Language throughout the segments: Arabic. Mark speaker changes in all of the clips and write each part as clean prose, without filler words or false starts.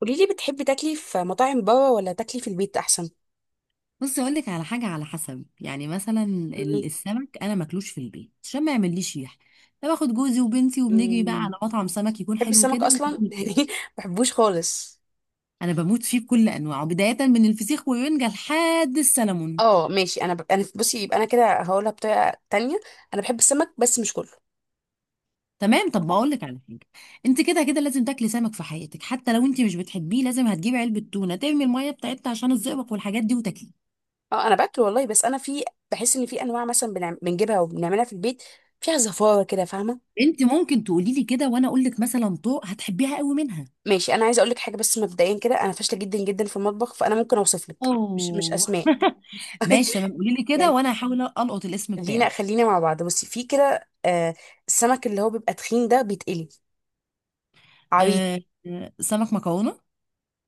Speaker 1: قولي لي، بتحبي تاكلي في مطاعم بره ولا تاكلي في البيت احسن؟
Speaker 2: بصي اقول لك على حاجه، على حسب يعني، مثلا
Speaker 1: مم.
Speaker 2: السمك انا ماكلوش في البيت عشان ما يعمليش ريح. انا باخد جوزي وبنتي وبنجري بقى
Speaker 1: مم.
Speaker 2: على مطعم سمك يكون
Speaker 1: بتحبي
Speaker 2: حلو
Speaker 1: السمك
Speaker 2: كده.
Speaker 1: اصلا يعني ما بحبوش خالص.
Speaker 2: انا بموت فيه بكل انواعه، بدايه من الفسيخ والرنجه لحد السلمون.
Speaker 1: اه ماشي، انا بصي، يبقى انا كده هقولها بطريقه تانية. انا بحب السمك بس مش كله.
Speaker 2: تمام، طب بقول لك على حاجه. انت كده كده لازم تاكلي سمك في حياتك، حتى لو انت مش بتحبيه لازم هتجيبي علبه تونه ترمي الميه بتاعتها عشان الزئبق والحاجات دي وتاكليه.
Speaker 1: اه انا باكله والله، بس انا في بحس ان في انواع، مثلا بنجيبها وبنعملها في البيت، فيها زفاره كده، فاهمه.
Speaker 2: انت ممكن تقولي لي كده وانا اقول لك مثلا طوق هتحبيها قوي منها.
Speaker 1: ماشي، انا عايزه اقول لك حاجه، بس مبدئيا كده انا فاشله جدا جدا في المطبخ، فانا ممكن اوصف لك مش
Speaker 2: اه
Speaker 1: اسماء.
Speaker 2: ماشي تمام، قولي لي كده
Speaker 1: يعني
Speaker 2: وانا هحاول القط الاسم
Speaker 1: خلينا
Speaker 2: بتاعه.
Speaker 1: خلينا مع بعض. بصي، في كده السمك اللي هو بيبقى تخين ده بيتقلي، عويد.
Speaker 2: آه. سمك مكرونه؟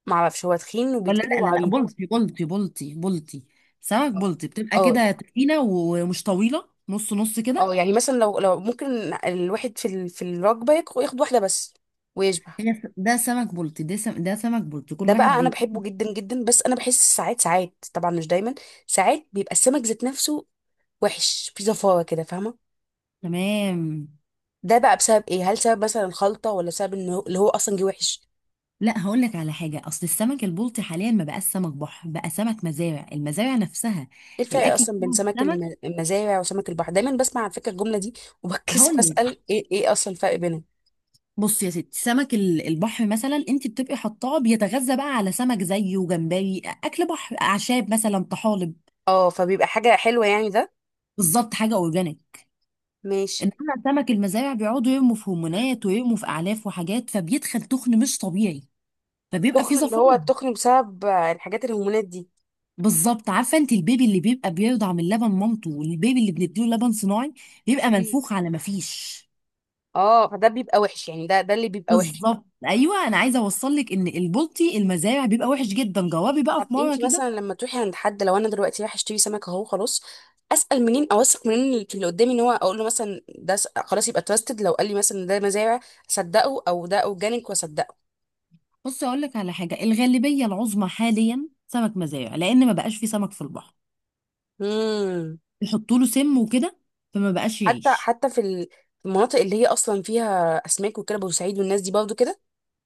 Speaker 1: معرفش هو تخين
Speaker 2: ولا
Speaker 1: وبيتقلي
Speaker 2: لا لا لا،
Speaker 1: وعويد.
Speaker 2: بلطي بلطي بلطي بلطي. سمك
Speaker 1: آه.
Speaker 2: بلطي بتبقى
Speaker 1: اه
Speaker 2: كده تخينه ومش طويله، نص نص كده.
Speaker 1: اه، يعني مثلا لو ممكن الواحد في الوجبه ياخد واحده بس ويشبع.
Speaker 2: هي ده سمك بلطي، ده سمك بلطي كل
Speaker 1: ده
Speaker 2: واحد
Speaker 1: بقى انا
Speaker 2: بي...
Speaker 1: بحبه جدا جدا، بس انا بحس ساعات، ساعات طبعا مش دايما، ساعات بيبقى السمك ذات نفسه وحش، في زفاره كده، فاهمه.
Speaker 2: تمام.
Speaker 1: ده بقى بسبب ايه؟ هل سبب مثلا الخلطه، ولا سبب انه اللي هو اصلا جه وحش؟
Speaker 2: لا هقول لك على حاجه، اصل السمك البلطي حاليا ما بقاش سمك بحر، بقى سمك مزارع، المزارع نفسها
Speaker 1: ايه الفرق
Speaker 2: الاكل
Speaker 1: اصلا بين
Speaker 2: بتاع
Speaker 1: سمك
Speaker 2: السمك.
Speaker 1: المزارع وسمك البحر؟ دايما بسمع على فكره الجمله دي وبتكسف
Speaker 2: هقول
Speaker 1: اسال،
Speaker 2: لك،
Speaker 1: ايه اصلا الفرق بينهم؟
Speaker 2: بص يا ستي، سمك البحر مثلا انت بتبقي حطاه بيتغذى بقى على سمك زيه، جمبري، اكل بحر، اعشاب، مثلا طحالب.
Speaker 1: اه، فبيبقى حاجه حلوه يعني ده.
Speaker 2: بالظبط، حاجه اورجانيك.
Speaker 1: ماشي.
Speaker 2: انما سمك المزارع بيقعدوا يرموا في هرمونات ويرموا في اعلاف وحاجات، فبيدخل تخن مش طبيعي، فبيبقى فيه
Speaker 1: تخن، اللي هو
Speaker 2: زفاير.
Speaker 1: التخن بسبب الحاجات الهرمونات دي.
Speaker 2: بالظبط. عارفه انت البيبي اللي بيبقى بيرضع من لبن مامته، والبيبي اللي بنديله لبن صناعي بيبقى
Speaker 1: مم.
Speaker 2: منفوخ على ما فيش.
Speaker 1: اه، فده بيبقى وحش يعني، ده اللي بيبقى وحش.
Speaker 2: بالظبط ايوه، انا عايزه اوصل لك ان البلطي المزارع بيبقى وحش جدا، جوابي بقى
Speaker 1: طب
Speaker 2: في مره
Speaker 1: انتي
Speaker 2: كده.
Speaker 1: مثلا لما تروحي عند حد، لو انا دلوقتي رايحه اشتري سمك اهو خلاص، اسال منين؟ اوثق منين اللي في اللي قدامي، ان هو اقول له مثلا ده خلاص يبقى تراستد، لو قال لي مثلا ده مزارع اصدقه، او ده اورجانيك واصدقه؟
Speaker 2: بص اقول لك على حاجه، الغالبيه العظمى حاليا سمك مزارع، لان ما بقاش في سمك في البحر،
Speaker 1: امم.
Speaker 2: يحطوا له سم وكده فما بقاش
Speaker 1: حتى
Speaker 2: يعيش.
Speaker 1: حتى في المناطق اللي هي اصلا فيها اسماك وكده، بورسعيد والناس دي برضو كده.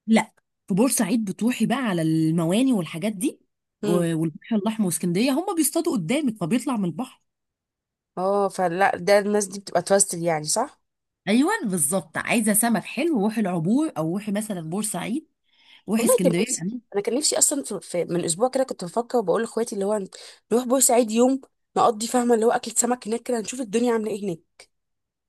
Speaker 2: لا، في بورسعيد بتروحي بقى على المواني والحاجات دي،
Speaker 1: امم.
Speaker 2: والبحر الاحمر واسكندريه هم بيصطادوا قدامك فبيطلع من البحر.
Speaker 1: اه، فلا، ده الناس دي بتبقى توستد يعني، صح.
Speaker 2: ايوه بالظبط، عايزه سمك حلو روحي العبور، او روحي مثلا بورسعيد، روحي
Speaker 1: والله كان
Speaker 2: اسكندريه،
Speaker 1: نفسي، انا كان نفسي اصلا، من اسبوع كده كنت بفكر وبقول لاخواتي اللي هو نروح بورسعيد يوم نقضي، فاهمه، اللي هو اكل سمك هناك كده، نشوف الدنيا عامله ايه هناك.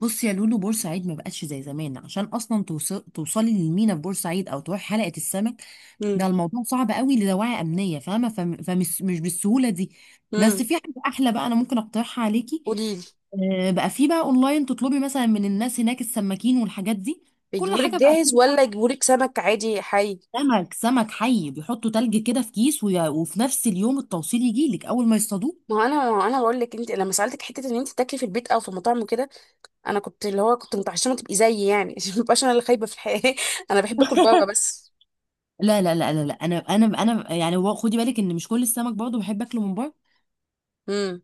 Speaker 2: بصي يا لولو، بورسعيد ما بقتش زي زمان، عشان اصلا توصلي للمينا في بورسعيد او تروحي حلقه السمك،
Speaker 1: امم.
Speaker 2: ده الموضوع صعب قوي لدواعي امنيه، فاهمه؟ فم- فمش مش بالسهوله دي.
Speaker 1: امم.
Speaker 2: بس في حاجه احلى بقى انا ممكن اقترحها عليكي.
Speaker 1: قولي لي.
Speaker 2: بقى في بقى اونلاين، تطلبي مثلا من الناس هناك السماكين والحاجات دي، كل
Speaker 1: بيجيبولك
Speaker 2: حاجه بقى
Speaker 1: جاهز
Speaker 2: بتنفع.
Speaker 1: ولا يجيبولك سمك عادي حي؟
Speaker 2: سمك، سمك حي، بيحطوا تلج كده في كيس، وفي نفس اليوم التوصيل يجي لك اول ما يصطادوه.
Speaker 1: ما هو انا بقول لك، انت لما سالتك حته ان انت تاكلي في البيت او في مطاعم وكده، انا كنت اللي هو كنت متعشمه تبقي زيي يعني عشان ما ابقاش انا اللي خايبه في الحياه. انا بحب اكل بره بس.
Speaker 2: لا لا لا لا لا، انا يعني، هو خدي بالك ان مش كل السمك برضه بحب اكله من بره.
Speaker 1: امم.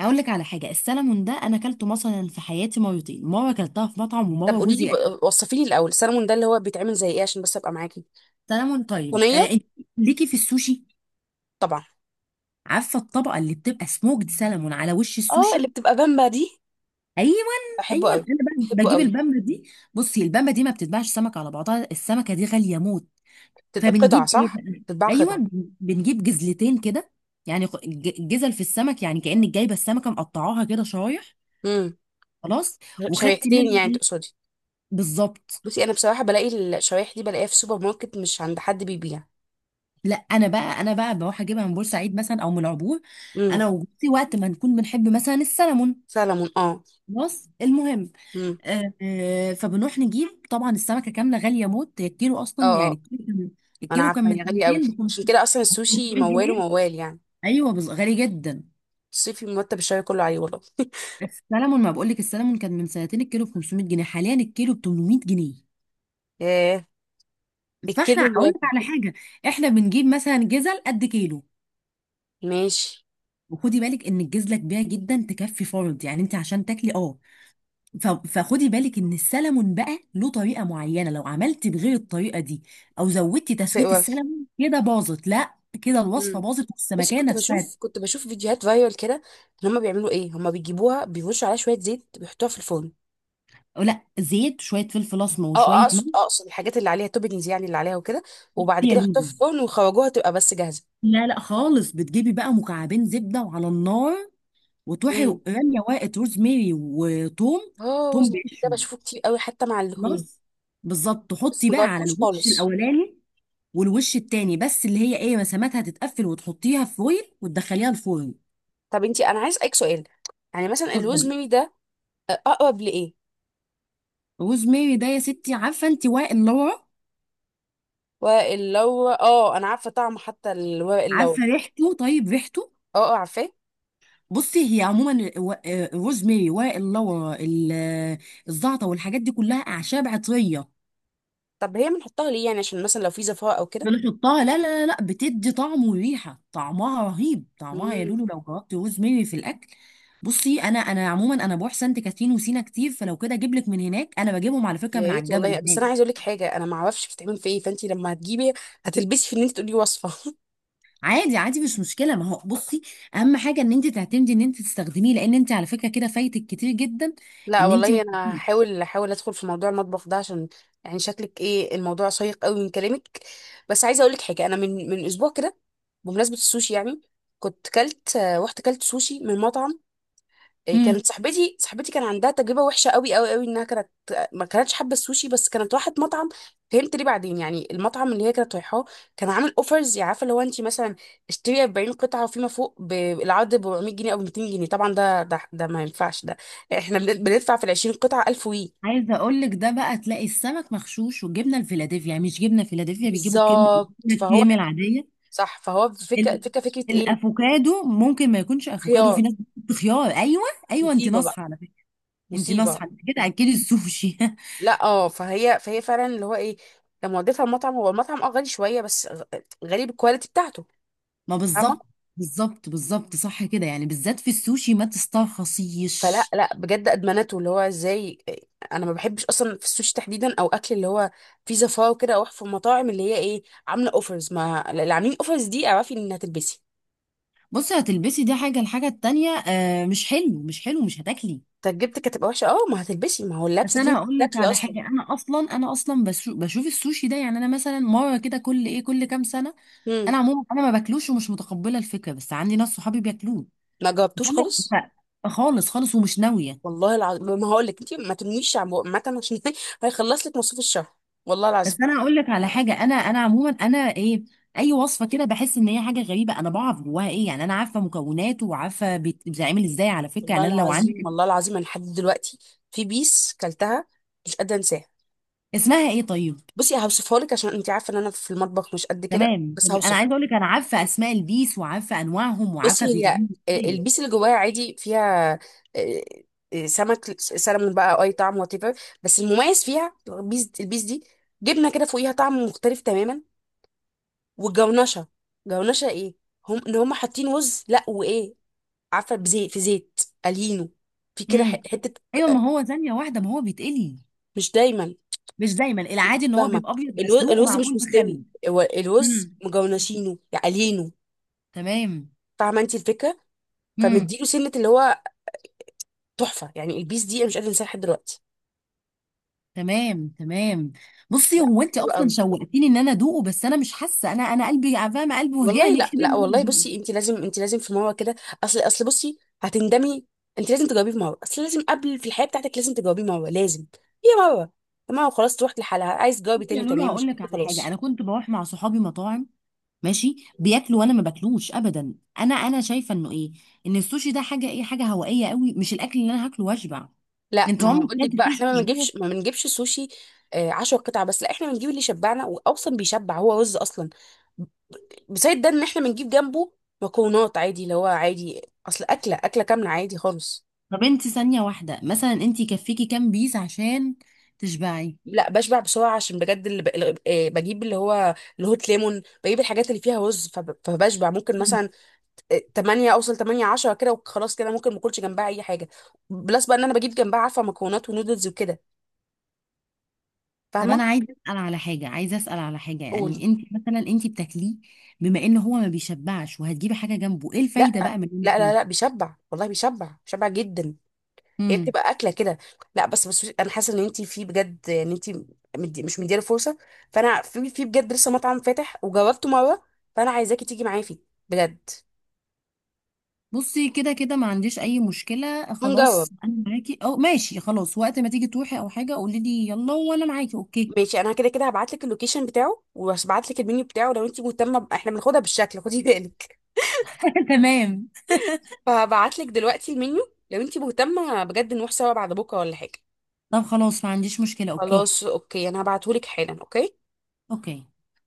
Speaker 2: اقول لك على حاجه، السلمون ده انا اكلته مثلا في حياتي مرتين، مره اكلتها في مطعم
Speaker 1: طب
Speaker 2: ومره
Speaker 1: قولي لي،
Speaker 2: جوزي.
Speaker 1: وصفي لي الاول السلمون ده اللي هو بيتعمل زي ايه، عشان بس ابقى معاكي.
Speaker 2: سلمون طيب.
Speaker 1: صينيه.
Speaker 2: آه انت ليكي في السوشي،
Speaker 1: طبعا.
Speaker 2: عارفه الطبقه اللي بتبقى سموكد سلمون على وش
Speaker 1: اه، اللي
Speaker 2: السوشي؟
Speaker 1: بتبقى بامبا دي،
Speaker 2: ايوه.
Speaker 1: بحبه
Speaker 2: ايوه
Speaker 1: قوي.
Speaker 2: انا بقى
Speaker 1: بحبه
Speaker 2: بجيب
Speaker 1: قوي.
Speaker 2: البامبه دي. بصي البامبه دي ما بتتباعش سمك على بعضها، السمكه دي غاليه موت،
Speaker 1: بتبقى قطع
Speaker 2: فبنجيب ايه
Speaker 1: صح.
Speaker 2: بقى؟
Speaker 1: بتتباع
Speaker 2: ايوه،
Speaker 1: قطع.
Speaker 2: بنجيب جزلتين كده، يعني جزل في السمك، يعني كانك جايبه السمكه مقطعاها كده شرايح.
Speaker 1: امم.
Speaker 2: خلاص. وخدت
Speaker 1: شريحتين
Speaker 2: منه
Speaker 1: يعني
Speaker 2: إيه؟
Speaker 1: تقصدي.
Speaker 2: بالظبط.
Speaker 1: بصي انا بصراحه بلاقي الشرايح دي، بلاقيها في سوبر ماركت، مش عند حد بيبيع.
Speaker 2: لا انا بقى، انا بقى بروح اجيبها من بورسعيد مثلا او من العبور،
Speaker 1: امم.
Speaker 2: انا وجوزي وقت ما نكون بنحب مثلا السلمون.
Speaker 1: سلمون اه.
Speaker 2: خلاص المهم،
Speaker 1: امم.
Speaker 2: فبنروح نجيب طبعا السمكه كامله، غاليه موت، هي الكيلو اصلا
Speaker 1: اه اه،
Speaker 2: يعني.
Speaker 1: انا
Speaker 2: الكيلو كان، الكيلو كان
Speaker 1: عارفه
Speaker 2: من
Speaker 1: هي غاليه قوي،
Speaker 2: 200 ل
Speaker 1: عشان كده اصلا السوشي
Speaker 2: 500
Speaker 1: موال
Speaker 2: جنيه
Speaker 1: وموال يعني.
Speaker 2: ايوه، غالي جدا.
Speaker 1: صيفي مرتب الشهر كله عليه والله.
Speaker 2: السلمون، ما بقول لك، السلمون كان من سنتين الكيلو ب 500 جنيه، حاليا الكيلو ب 800 جنيه.
Speaker 1: ايه،
Speaker 2: فاحنا
Speaker 1: الكيلو
Speaker 2: اقول لك
Speaker 1: الواحد؟
Speaker 2: على حاجه، احنا بنجيب مثلا جزل قد كيلو.
Speaker 1: ماشي.
Speaker 2: وخدي بالك ان الجزله كبيره جدا تكفي فرد يعني، انت عشان تاكلي اه، فخدي بالك ان السلمون بقى له طريقه معينه، لو عملتي بغير الطريقه دي او زودتي تسويه
Speaker 1: هتوقفي.
Speaker 2: السلمون كده باظت، لا، كده الوصفه
Speaker 1: مم.
Speaker 2: باظت
Speaker 1: بس
Speaker 2: والسمكيه
Speaker 1: كنت
Speaker 2: نفسها.
Speaker 1: بشوف كنت بشوف فيديوهات فايرال كده، إن هما بيعملوا ايه، هما بيجيبوها بيرشوا عليها شويه زيت، بيحطوها في الفرن.
Speaker 2: أو لا، زيت، شويه فلفل اسمر
Speaker 1: اه
Speaker 2: وشويه
Speaker 1: اقصد
Speaker 2: ملح،
Speaker 1: اقصد الحاجات اللي عليها توبنجز يعني، اللي عليها وكده، وبعد
Speaker 2: يا
Speaker 1: كده يحطوها في
Speaker 2: لولو،
Speaker 1: الفرن ويخرجوها تبقى بس جاهزه.
Speaker 2: لا لا خالص، بتجيبي بقى مكعبين زبده وعلى النار، وتروحي
Speaker 1: امم.
Speaker 2: راميه ورقه روزماري وتوم،
Speaker 1: اه
Speaker 2: توم
Speaker 1: وزن، ده
Speaker 2: بقشره.
Speaker 1: بشوفه كتير قوي حتى مع اللحوم،
Speaker 2: خلاص. بالظبط
Speaker 1: بس
Speaker 2: تحطي
Speaker 1: ما
Speaker 2: بقى على
Speaker 1: جربتوش
Speaker 2: الوش
Speaker 1: خالص.
Speaker 2: الاولاني والوش التاني، بس اللي هي ايه مساماتها تتقفل، وتحطيها في فويل وتدخليها الفرن.
Speaker 1: طب انتي، انا عايز اسالك سؤال، يعني مثلا الروز
Speaker 2: اتفضلي.
Speaker 1: ميري ده اقرب لايه؟
Speaker 2: روز ماري ده يا ستي، عارفه انت ورق اللورا،
Speaker 1: ورق اللورا اه، انا عارفه طعمه، حتى الورق اللورا.
Speaker 2: عارفه ريحته؟ طيب ريحته.
Speaker 1: اه اه عارفاه.
Speaker 2: بصي هي عموما الروز ماري، ورق اللورا، الزعتر والحاجات دي كلها اعشاب عطريه.
Speaker 1: طب هي بنحطها ليه يعني، عشان مثلا لو في زفاة او كده؟
Speaker 2: بنحطها، لا لا لا لا، بتدي طعم وريحه، طعمها رهيب، طعمها يا
Speaker 1: امم.
Speaker 2: لولو لو جربتي روز ماري في الاكل. بصي انا، انا عموما انا بروح سانت كاترين وسينا كتير، فلو كده اجيب لك من هناك، انا بجيبهم على فكره
Speaker 1: يا
Speaker 2: من على
Speaker 1: ريت
Speaker 2: الجبل
Speaker 1: والله. بس
Speaker 2: هناك.
Speaker 1: انا عايزه اقول لك حاجه، انا ما اعرفش بتتعمل في ايه، فانت لما هتجيبي هتلبسي في ان انت تقولي وصفه.
Speaker 2: عادي عادي مش مشكله، ما هو بصي اهم حاجه ان انت تعتمدي ان انت تستخدميه، لان انت على فكره كده فايتك كتير جدا.
Speaker 1: لا
Speaker 2: ان انت
Speaker 1: والله،
Speaker 2: ما...
Speaker 1: انا هحاول ادخل في موضوع المطبخ ده، عشان يعني شكلك، ايه الموضوع شيق قوي من كلامك. بس عايزه اقول لك حاجه، انا من اسبوع كده، بمناسبه السوشي يعني، كنت كلت رحت كلت سوشي من مطعم. كانت
Speaker 2: امم،
Speaker 1: صاحبتي، كان عندها تجربه وحشه قوي قوي قوي، انها كانت ما كانتش حابه السوشي، بس كانت راحت مطعم، فهمت ليه بعدين. يعني المطعم اللي هي كانت رايحاه كان عامل اوفرز، عارفه، لو انت مثلا اشتري 40 قطعه وفيما فوق بالعرض ب 400 جنيه او 200 جنيه، طبعا ده ما ينفعش ده، احنا بندفع في ال 20 قطعه 1000 وي.
Speaker 2: عايزه اقول لك، ده بقى تلاقي السمك مغشوش، والجبنه الفيلادلفيا يعني مش جبنه فيلادلفيا، بيجيبوا كم
Speaker 1: بالظبط.
Speaker 2: الكريمه العاديه.
Speaker 1: صح، فهو فكره
Speaker 2: ال...
Speaker 1: فكره ايه.
Speaker 2: الافوكادو ممكن ما يكونش افوكادو، في
Speaker 1: خيار.
Speaker 2: ناس بتحط خيار، ايوه. ايوه انت
Speaker 1: مصيبه بقى.
Speaker 2: ناصحه على فكره. انت
Speaker 1: مصيبه.
Speaker 2: ناصحه، انت كده اكلي السوشي.
Speaker 1: لا اه، فهي فعلا اللي هو ايه، لما وديتها المطعم، هو المطعم اه غالي شويه، بس غالي بالكواليتي بتاعته،
Speaker 2: ما
Speaker 1: فاهمه.
Speaker 2: بالظبط، بالظبط بالظبط، صح كده، يعني بالذات في السوشي ما
Speaker 1: فلا
Speaker 2: تسترخصيش.
Speaker 1: لا، بجد ادمنته، اللي هو ازاي، انا ما بحبش اصلا في السوشي تحديدا، او اكل اللي هو في زفاه وكده، او في المطاعم اللي هي ايه عامله اوفرز، ما اللي عاملين اوفرز دي اعرفي ان هتلبسي،
Speaker 2: بصي هتلبسي دي حاجة، الحاجة التانية مش حلو، مش حلو، مش هتاكلي.
Speaker 1: تجربتك هتبقى وحشه. اه، ما هتلبسي، ما هو
Speaker 2: بس
Speaker 1: اللبسه دي
Speaker 2: انا هقول لك
Speaker 1: بتاكلي
Speaker 2: على
Speaker 1: اصلا.
Speaker 2: حاجة، انا اصلا، انا اصلا بشوف السوشي ده، يعني انا مثلا مرة كده كل ايه كل كام سنة.
Speaker 1: امم.
Speaker 2: انا عموما انا ما باكلوش ومش متقبلة الفكرة، بس عندي ناس صحابي بياكلوه،
Speaker 1: ما جاوبتوش
Speaker 2: فانا
Speaker 1: خالص.
Speaker 2: خالص خالص ومش ناوية.
Speaker 1: والله العظيم ما هقول لك انت ما تمنيش عامه، عشان هيخلص لك مصروف الشهر. والله العظيم.
Speaker 2: بس انا هقول لك على حاجة، انا عموما انا ايه، اي وصفة كده بحس ان هي حاجة غريبة، انا بعرف جواها ايه، يعني انا عارفة مكوناته وعارفة بيتعمل ازاي على فكرة،
Speaker 1: والله
Speaker 2: يعني انا لو
Speaker 1: العظيم.
Speaker 2: عندك.
Speaker 1: والله العظيم انا لحد دلوقتي في بيس كلتها مش قادره انساها.
Speaker 2: اسمها ايه طيب؟
Speaker 1: بصي هوصفها لك، عشان انت عارفه ان انا في المطبخ مش قد كده.
Speaker 2: تمام
Speaker 1: بس
Speaker 2: تمام، انا
Speaker 1: هوصفها.
Speaker 2: عايزه اقول لك انا عارفه اسماء البيس وعارفه انواعهم
Speaker 1: بصي
Speaker 2: وعارفه
Speaker 1: هي
Speaker 2: بيتعمل ازاي.
Speaker 1: البيس اللي جواها عادي، فيها آه، سمك سلمون بقى، أو اي طعم وات ايفر، بس المميز فيها البيس، دي جبنه كده فوقيها، طعم مختلف تماما، والجونشه. جونشه ايه؟ هم ان هم حاطين رز، لا وايه، عارفه، بزيت، في زيت قلينه، في كده
Speaker 2: امم.
Speaker 1: حته.
Speaker 2: ايوه، ما هو ثانيه واحده، ما هو بيتقلي،
Speaker 1: مش دايما.
Speaker 2: مش دايما،
Speaker 1: انت
Speaker 2: العادي ان هو
Speaker 1: فاهمه،
Speaker 2: بيبقى ابيض مسلوق
Speaker 1: الرز مش
Speaker 2: ومعمول
Speaker 1: مستوي،
Speaker 2: بخل.
Speaker 1: هو الرز
Speaker 2: امم.
Speaker 1: مجونشينه، قليينه.
Speaker 2: تمام.
Speaker 1: فاهمه انت الفكره.
Speaker 2: امم.
Speaker 1: فمديله سنه، اللي هو تحفه يعني، البيس دي انا مش قادره انساها لحد دلوقتي.
Speaker 2: تمام تمام. بصي،
Speaker 1: لا.
Speaker 2: هو انت
Speaker 1: حلو
Speaker 2: اصلا
Speaker 1: قوي.
Speaker 2: شوقتيني ان انا ادوقه، بس انا مش حاسه، انا قلبي فاهمه، قلبي
Speaker 1: والله
Speaker 2: وجعني
Speaker 1: لا
Speaker 2: كده ان
Speaker 1: لا
Speaker 2: انا
Speaker 1: والله،
Speaker 2: ادوقه.
Speaker 1: بصي انت لازم في مره كده، اصل بصي هتندمي، انت لازم تجاوبيه في مره، اصل لازم، قبل في الحياه بتاعتك لازم تجاوبيه مره، لازم. هي مره، تمام خلاص تروح لحالها، عايز تجاوبي
Speaker 2: بصي يا
Speaker 1: تاني
Speaker 2: لولو
Speaker 1: تمام،
Speaker 2: هقول
Speaker 1: مش
Speaker 2: لك
Speaker 1: عايزة
Speaker 2: على حاجه،
Speaker 1: خلاص.
Speaker 2: انا كنت بروح مع صحابي مطاعم، ماشي بياكلوا وانا ما باكلوش ابدا. انا شايفه انه ايه، ان السوشي ده حاجه ايه، حاجه هوائيه قوي، مش الاكل اللي انا هاكله واشبع.
Speaker 1: لا،
Speaker 2: انت
Speaker 1: ما هو
Speaker 2: عمرك
Speaker 1: اقول لك
Speaker 2: كلت
Speaker 1: بقى،
Speaker 2: سوشي
Speaker 1: احنا ما بنجيبش
Speaker 2: وشبعت؟
Speaker 1: ما بنجيبش سوشي. آه، عشرة قطع بس. لا، احنا بنجيب اللي يشبعنا، واصلا بيشبع، هو رز اصلا، بزائد ده ان احنا بنجيب جنبه مكرونات عادي، اللي هو عادي، اصل اكله كامله عادي خالص.
Speaker 2: طب انت ثانيه واحده مثلا انت يكفيكي كام بيس عشان تشبعي؟
Speaker 1: لا بشبع بسرعه، عشان بجد، اللي ب... اللي- آه، بجيب اللي هو الهوت ليمون، بجيب الحاجات اللي فيها رز، فبشبع ممكن
Speaker 2: مم.
Speaker 1: مثلا آه، 8 اوصل 8 10 كده، وخلاص كده ممكن ما اكلش جنبها اي حاجه، بلس بقى ان انا بجيب جنبها، عارفه، مكرونات ونودلز وكده،
Speaker 2: طب
Speaker 1: فاهمه.
Speaker 2: انا عايزه اسال على حاجه، عايزه اسال على حاجه،
Speaker 1: قولي.
Speaker 2: يعني انت مثلا انت بتاكليه، بما ان هو ما بيشبعش وهتجيبي حاجه جنبه، ايه
Speaker 1: لا
Speaker 2: الفايده بقى من
Speaker 1: لا لا لا، بيشبع والله، بيشبع جدا، هي
Speaker 2: انك...
Speaker 1: بتبقى اكله كده. لا، بس انا حاسه ان انت في بجد ان انت مش مديله فرصه، فانا في بجد، لسه مطعم فاتح وجربته مره، فانا عايزاكي تيجي معايا فيه، بجد.
Speaker 2: بصي كده كده ما عنديش اي مشكله
Speaker 1: هنجرب.
Speaker 2: خلاص، انا معاكي، او ماشي خلاص وقت ما تيجي تروحي او حاجه قولي لي يلا وانا معاكي، اوكي.
Speaker 1: ماشي، انا كده كده هبعت لك اللوكيشن بتاعه، وهبعت لك المنيو بتاعه، لو انت مهتمه احنا بناخدها بالشكل خدي بالك.
Speaker 2: تمام.
Speaker 1: فهبعت لك دلوقتي المنيو، لو انت مهتمه بجد نروح سوا بعد بكره ولا حاجه.
Speaker 2: طب خلاص ما عنديش مشكله، اوكي.
Speaker 1: خلاص اوكي، انا هبعته لك حالا. اوكي.
Speaker 2: اوكي.